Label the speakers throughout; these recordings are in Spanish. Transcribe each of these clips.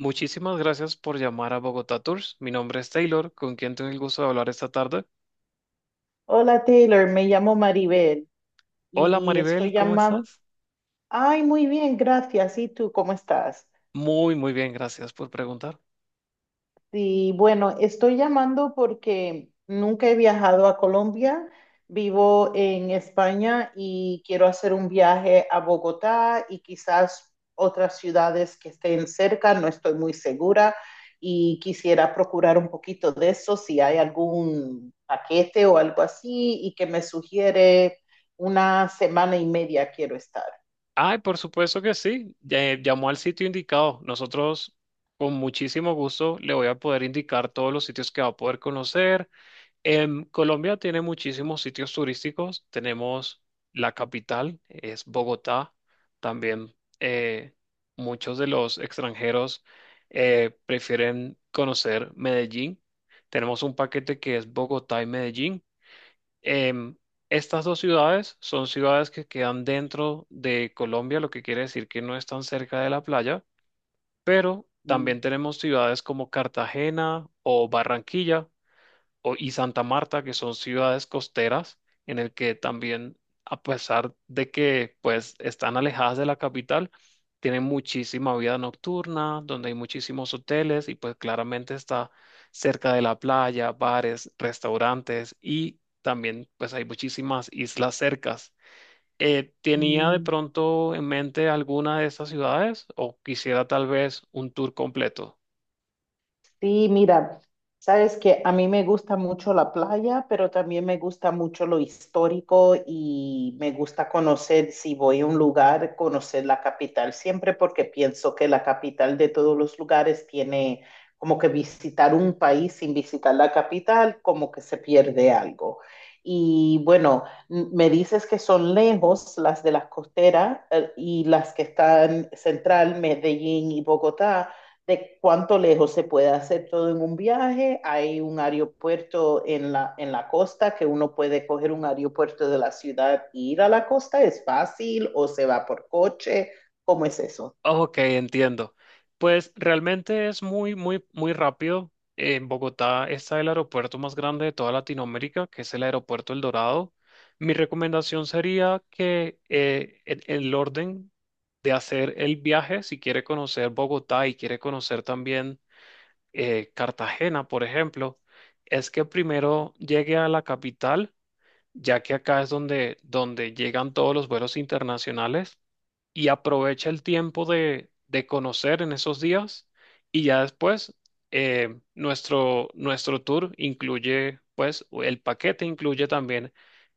Speaker 1: Muchísimas gracias por llamar a Bogotá Tours. Mi nombre es Taylor, con quien tengo el gusto de hablar esta tarde.
Speaker 2: Hola Taylor, me llamo Maribel
Speaker 1: Hola
Speaker 2: y estoy
Speaker 1: Maribel, ¿cómo
Speaker 2: llamando.
Speaker 1: estás?
Speaker 2: Ay, muy bien, gracias. ¿Y tú cómo estás?
Speaker 1: Muy, muy bien, gracias por preguntar.
Speaker 2: Sí, bueno, estoy llamando porque nunca he viajado a Colombia, vivo en España y quiero hacer un viaje a Bogotá y quizás otras ciudades que estén cerca, no estoy muy segura, y quisiera procurar un poquito de eso, si hay algún paquete o algo así y que me sugiere. Una semana y media quiero estar.
Speaker 1: Ay, por supuesto que sí. Llamó al sitio indicado. Nosotros, con muchísimo gusto, le voy a poder indicar todos los sitios que va a poder conocer. Colombia tiene muchísimos sitios turísticos. Tenemos la capital, es Bogotá. También eh, muchos de los extranjeros prefieren conocer Medellín. Tenemos un paquete que es Bogotá y Medellín. Em, Estas dos ciudades son ciudades que quedan dentro de Colombia, lo que quiere decir que no están cerca de la playa, pero
Speaker 2: Mm.
Speaker 1: también tenemos ciudades como Cartagena o Barranquilla y Santa Marta, que son ciudades costeras, en el que también, a pesar de que pues están alejadas de la capital, tienen muchísima vida nocturna, donde hay muchísimos hoteles y pues claramente está cerca de la playa, bares, restaurantes y también pues hay muchísimas islas cercas. ¿Tenía de
Speaker 2: Mm.
Speaker 1: pronto en mente alguna de estas ciudades o quisiera tal vez un tour completo?
Speaker 2: Sí, mira, sabes que a mí me gusta mucho la playa, pero también me gusta mucho lo histórico y me gusta conocer, si voy a un lugar, conocer la capital siempre porque pienso que la capital de todos los lugares tiene, como que visitar un país sin visitar la capital, como que se pierde algo. Y bueno, me dices que son lejos las de las costeras, y las que están central, Medellín y Bogotá, de cuánto lejos se puede hacer todo en un viaje. Hay un aeropuerto en la costa que uno puede coger un aeropuerto de la ciudad e ir a la costa. ¿Es fácil o se va por coche? ¿Cómo es eso?
Speaker 1: Ok, entiendo. Pues realmente es muy, muy, muy rápido. En Bogotá está el aeropuerto más grande de toda Latinoamérica, que es el aeropuerto El Dorado. Mi recomendación sería que en el orden de hacer el viaje, si quiere conocer Bogotá y quiere conocer también Cartagena, por ejemplo, es que primero llegue a la capital, ya que acá es donde llegan todos los vuelos internacionales y aprovecha el tiempo de conocer en esos días y ya después nuestro tour incluye, pues el paquete incluye también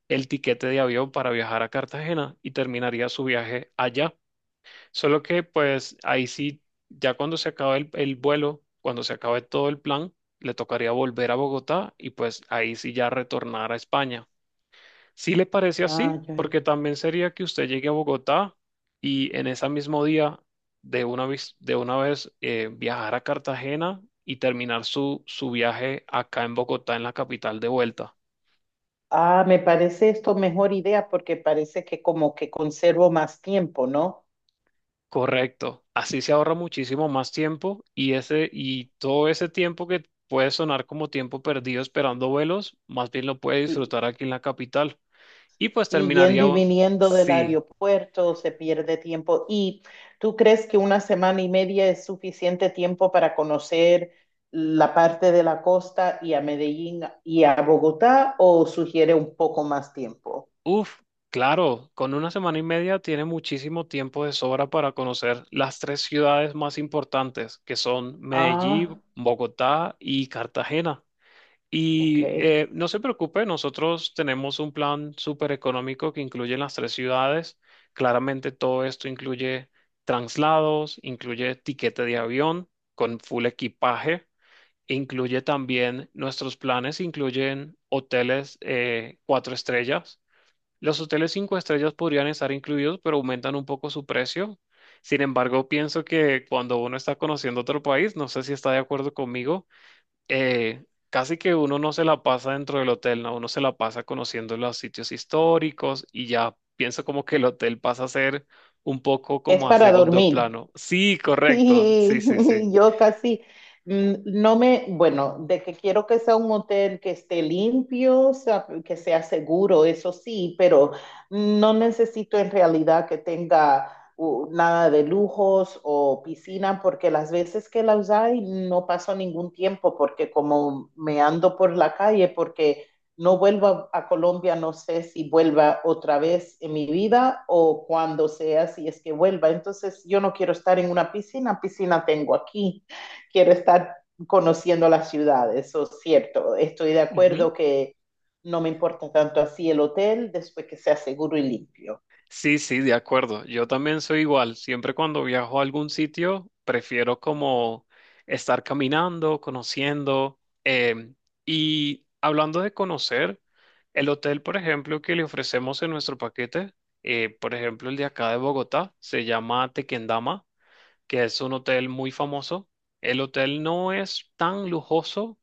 Speaker 1: el tiquete de avión para viajar a Cartagena y terminaría su viaje allá. Solo que pues ahí sí, ya cuando se acabe el vuelo, cuando se acabe todo el plan, le tocaría volver a Bogotá y pues ahí sí ya retornar a España. Si le parece
Speaker 2: Ah,
Speaker 1: así,
Speaker 2: ya.
Speaker 1: porque también sería que usted llegue a Bogotá y en ese mismo día de una vez, viajar a Cartagena y terminar su viaje acá en Bogotá, en la capital de vuelta.
Speaker 2: Ah, me parece esto mejor idea porque parece que como que conservo más tiempo, ¿no?
Speaker 1: Correcto. Así se ahorra muchísimo más tiempo y ese, y todo ese tiempo que puede sonar como tiempo perdido esperando vuelos, más bien lo puede
Speaker 2: Sí.
Speaker 1: disfrutar aquí en la capital. Y pues
Speaker 2: Sí,
Speaker 1: terminaría,
Speaker 2: yendo y viniendo del
Speaker 1: sí.
Speaker 2: aeropuerto se pierde tiempo. ¿Y tú crees que una semana y media es suficiente tiempo para conocer la parte de la costa y a Medellín y a Bogotá o sugiere un poco más tiempo?
Speaker 1: Uf, claro, con una semana y media tiene muchísimo tiempo de sobra para conocer las tres ciudades más importantes, que son
Speaker 2: Ah,
Speaker 1: Medellín, Bogotá y Cartagena. Y
Speaker 2: ok.
Speaker 1: no se preocupe, nosotros tenemos un plan súper económico que incluye las tres ciudades. Claramente todo esto incluye traslados, incluye tiquete de avión con full equipaje. Incluye también nuestros planes, incluyen hoteles 4 estrellas. Los hoteles 5 estrellas podrían estar incluidos, pero aumentan un poco su precio. Sin embargo, pienso que cuando uno está conociendo otro país, no sé si está de acuerdo conmigo, eh, casi que uno no se la pasa dentro del hotel, ¿no? Uno se la pasa conociendo los sitios históricos y ya pienso como que el hotel pasa a ser un poco
Speaker 2: Es
Speaker 1: como a
Speaker 2: para
Speaker 1: segundo
Speaker 2: dormir.
Speaker 1: plano. Sí, correcto. Sí,
Speaker 2: Sí,
Speaker 1: sí, sí.
Speaker 2: yo casi no me, bueno, de que quiero que sea un hotel que esté limpio, o sea, que sea seguro, eso sí, pero no necesito en realidad que tenga nada de lujos o piscina, porque las veces que las hay no paso ningún tiempo, porque como me ando por la calle, porque no vuelva a Colombia, no sé si vuelva otra vez en mi vida o cuando sea, si es que vuelva. Entonces, yo no quiero estar en una piscina, piscina tengo aquí, quiero estar conociendo la ciudad, eso es cierto. Estoy de acuerdo que no me importa tanto así el hotel después que sea seguro y limpio.
Speaker 1: Sí, sí, de acuerdo. Yo también soy igual. Siempre cuando viajo a algún sitio, prefiero como estar caminando, conociendo. Y hablando de conocer, el hotel, por ejemplo, que le ofrecemos en nuestro paquete, por ejemplo, el de acá de Bogotá, se llama Tequendama, que es un hotel muy famoso. El hotel no es tan lujoso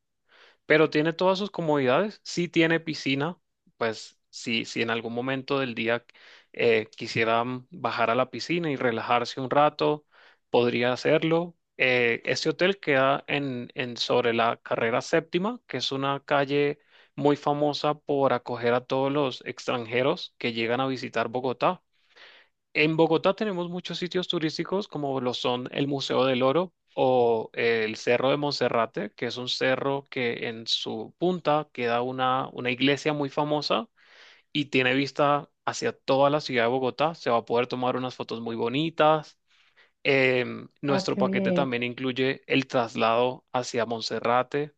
Speaker 1: pero tiene todas sus comodidades. Sí tiene piscina, pues sí, si en algún momento del día quisieran bajar a la piscina y relajarse un rato, podría hacerlo. Este hotel queda en sobre la carrera séptima, que es una calle muy famosa por acoger a todos los extranjeros que llegan a visitar Bogotá. En Bogotá tenemos muchos sitios turísticos como lo son el Museo del Oro o el Cerro de Monserrate, que es un cerro que en su punta queda una iglesia muy famosa y tiene vista hacia toda la ciudad de Bogotá. Se va a poder tomar unas fotos muy bonitas.
Speaker 2: Ah,
Speaker 1: Nuestro
Speaker 2: qué
Speaker 1: paquete
Speaker 2: bien.
Speaker 1: también incluye el traslado hacia Monserrate.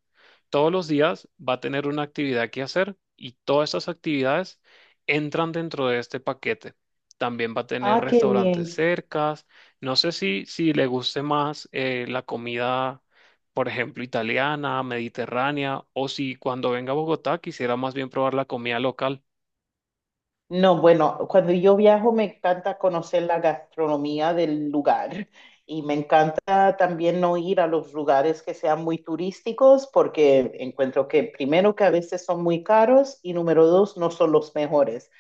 Speaker 1: Todos los días va a tener una actividad que hacer y todas estas actividades entran dentro de este paquete. También va a tener
Speaker 2: Ah, qué
Speaker 1: restaurantes
Speaker 2: bien.
Speaker 1: cercas. No sé si le guste más la comida, por ejemplo, italiana, mediterránea, o si cuando venga a Bogotá quisiera más bien probar la comida local.
Speaker 2: No, bueno, cuando yo viajo me encanta conocer la gastronomía del lugar y me encanta también no ir a los lugares que sean muy turísticos porque encuentro que primero que a veces son muy caros y número 2 no son los mejores.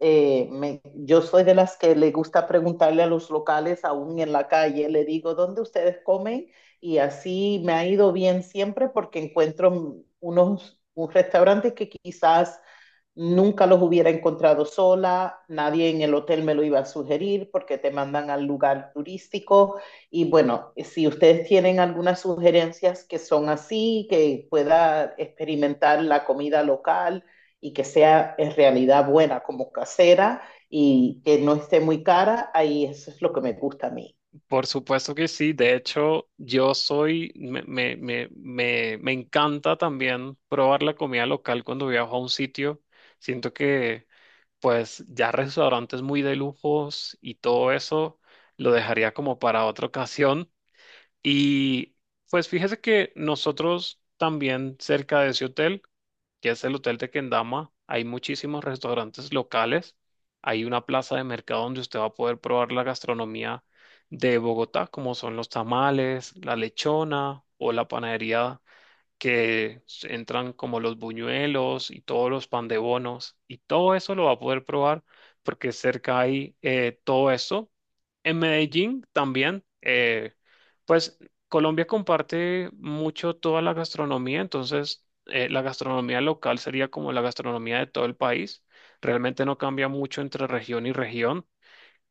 Speaker 2: Yo soy de las que le gusta preguntarle a los locales aún en la calle, le digo, ¿dónde ustedes comen? Y así me ha ido bien siempre porque encuentro unos, un restaurante que quizás nunca los hubiera encontrado sola, nadie en el hotel me lo iba a sugerir porque te mandan al lugar turístico. Y bueno, si ustedes tienen algunas sugerencias que son así, que pueda experimentar la comida local y que sea en realidad buena, como casera, y que no esté muy cara, ahí eso es lo que me gusta a mí.
Speaker 1: Por supuesto que sí. De hecho, yo soy, me encanta también probar la comida local cuando viajo a un sitio. Siento que, pues, ya restaurantes muy de lujos y todo eso lo dejaría como para otra ocasión. Y, pues, fíjese que nosotros también cerca de ese hotel, que es el hotel de Kendama, hay muchísimos restaurantes locales, hay una plaza de mercado donde usted va a poder probar la gastronomía de Bogotá, como son los tamales, la lechona o la panadería, que entran como los buñuelos y todos los pan de bonos, y todo eso lo va a poder probar porque cerca hay todo eso. En Medellín también, pues Colombia comparte mucho toda la gastronomía, entonces la gastronomía local sería como la gastronomía de todo el país. Realmente no cambia mucho entre región y región.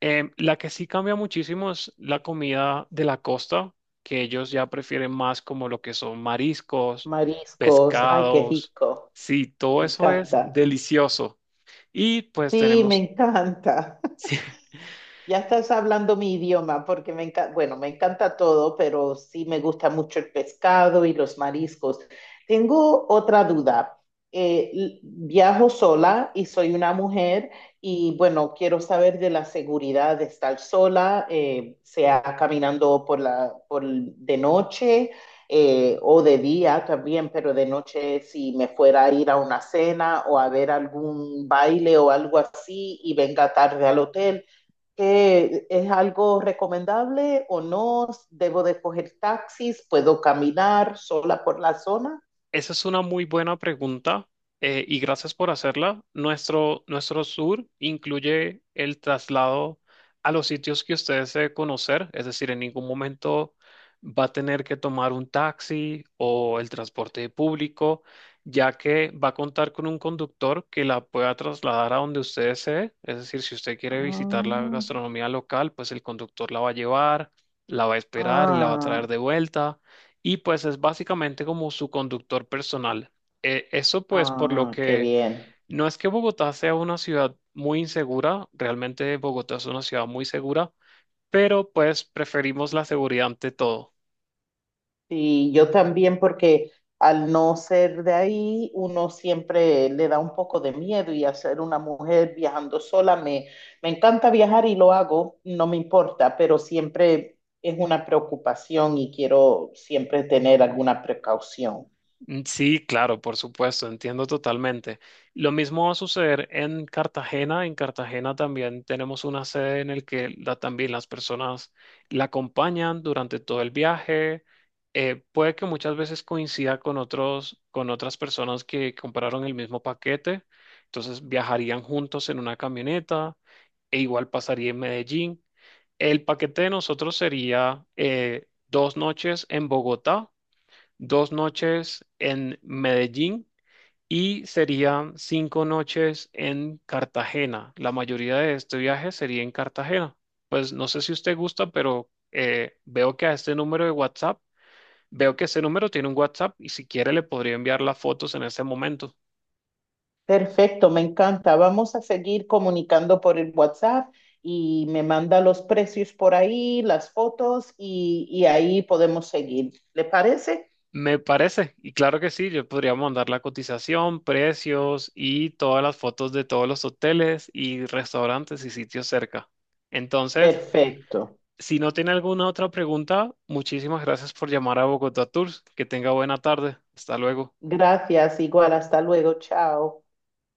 Speaker 1: La que sí cambia muchísimo es la comida de la costa, que ellos ya prefieren más como lo que son mariscos,
Speaker 2: Mariscos, ay, qué
Speaker 1: pescados.
Speaker 2: rico,
Speaker 1: Sí, todo
Speaker 2: me
Speaker 1: eso es
Speaker 2: encanta.
Speaker 1: delicioso. Y pues
Speaker 2: Sí, me
Speaker 1: tenemos,
Speaker 2: encanta.
Speaker 1: sí.
Speaker 2: Ya estás hablando mi idioma porque me encanta, bueno, me encanta todo, pero sí me gusta mucho el pescado y los mariscos. Tengo otra duda. Viajo sola y soy una mujer y bueno, quiero saber de la seguridad de estar sola, sea caminando por la, de noche, o de día también, pero de noche si me fuera a ir a una cena o a ver algún baile o algo así y venga tarde al hotel. ¿Es algo recomendable o no? ¿Debo de coger taxis? ¿Puedo caminar sola por la zona?
Speaker 1: Esa es una muy buena pregunta y gracias por hacerla. Nuestro tour incluye el traslado a los sitios que usted desee conocer, es decir, en ningún momento va a tener que tomar un taxi o el transporte público, ya que va a contar con un conductor que la pueda trasladar a donde usted desee. Es decir, si usted quiere visitar la
Speaker 2: Ah,
Speaker 1: gastronomía local, pues el conductor la va a llevar, la va a esperar y la va a traer
Speaker 2: ah,
Speaker 1: de vuelta, y pues es básicamente como su conductor personal. Eso pues por lo
Speaker 2: ah, qué
Speaker 1: que
Speaker 2: bien.
Speaker 1: no es que Bogotá sea una ciudad muy insegura, realmente Bogotá es una ciudad muy segura, pero pues preferimos la seguridad ante todo.
Speaker 2: Sí, yo también porque al no ser de ahí, uno siempre le da un poco de miedo y hacer una mujer viajando sola, me encanta viajar y lo hago, no me importa, pero siempre es una preocupación y quiero siempre tener alguna precaución.
Speaker 1: Mm, sí, claro, por supuesto, entiendo totalmente. Lo mismo va a suceder en Cartagena. En Cartagena también tenemos una sede en el que también las personas la acompañan durante todo el viaje. Puede que muchas veces coincida con con otras personas que compraron el mismo paquete. Entonces viajarían juntos en una camioneta e igual pasaría en Medellín. El paquete de nosotros sería 2 noches en Bogotá, 2 noches en Medellín y serían 5 noches en Cartagena. La mayoría de este viaje sería en Cartagena. Pues no sé si usted gusta, pero veo que a este número de WhatsApp, veo que este número tiene un WhatsApp y si quiere le podría enviar las fotos en ese momento.
Speaker 2: Perfecto, me encanta. Vamos a seguir comunicando por el WhatsApp y me manda los precios por ahí, las fotos y ahí podemos seguir. ¿Le parece?
Speaker 1: Me parece, y claro que sí, yo podría mandar la cotización, precios y todas las fotos de todos los hoteles y restaurantes y sitios cerca. Entonces,
Speaker 2: Perfecto.
Speaker 1: si no tiene alguna otra pregunta, muchísimas gracias por llamar a Bogotá Tours. Que tenga buena tarde. Hasta luego.
Speaker 2: Gracias, igual, hasta luego, chao.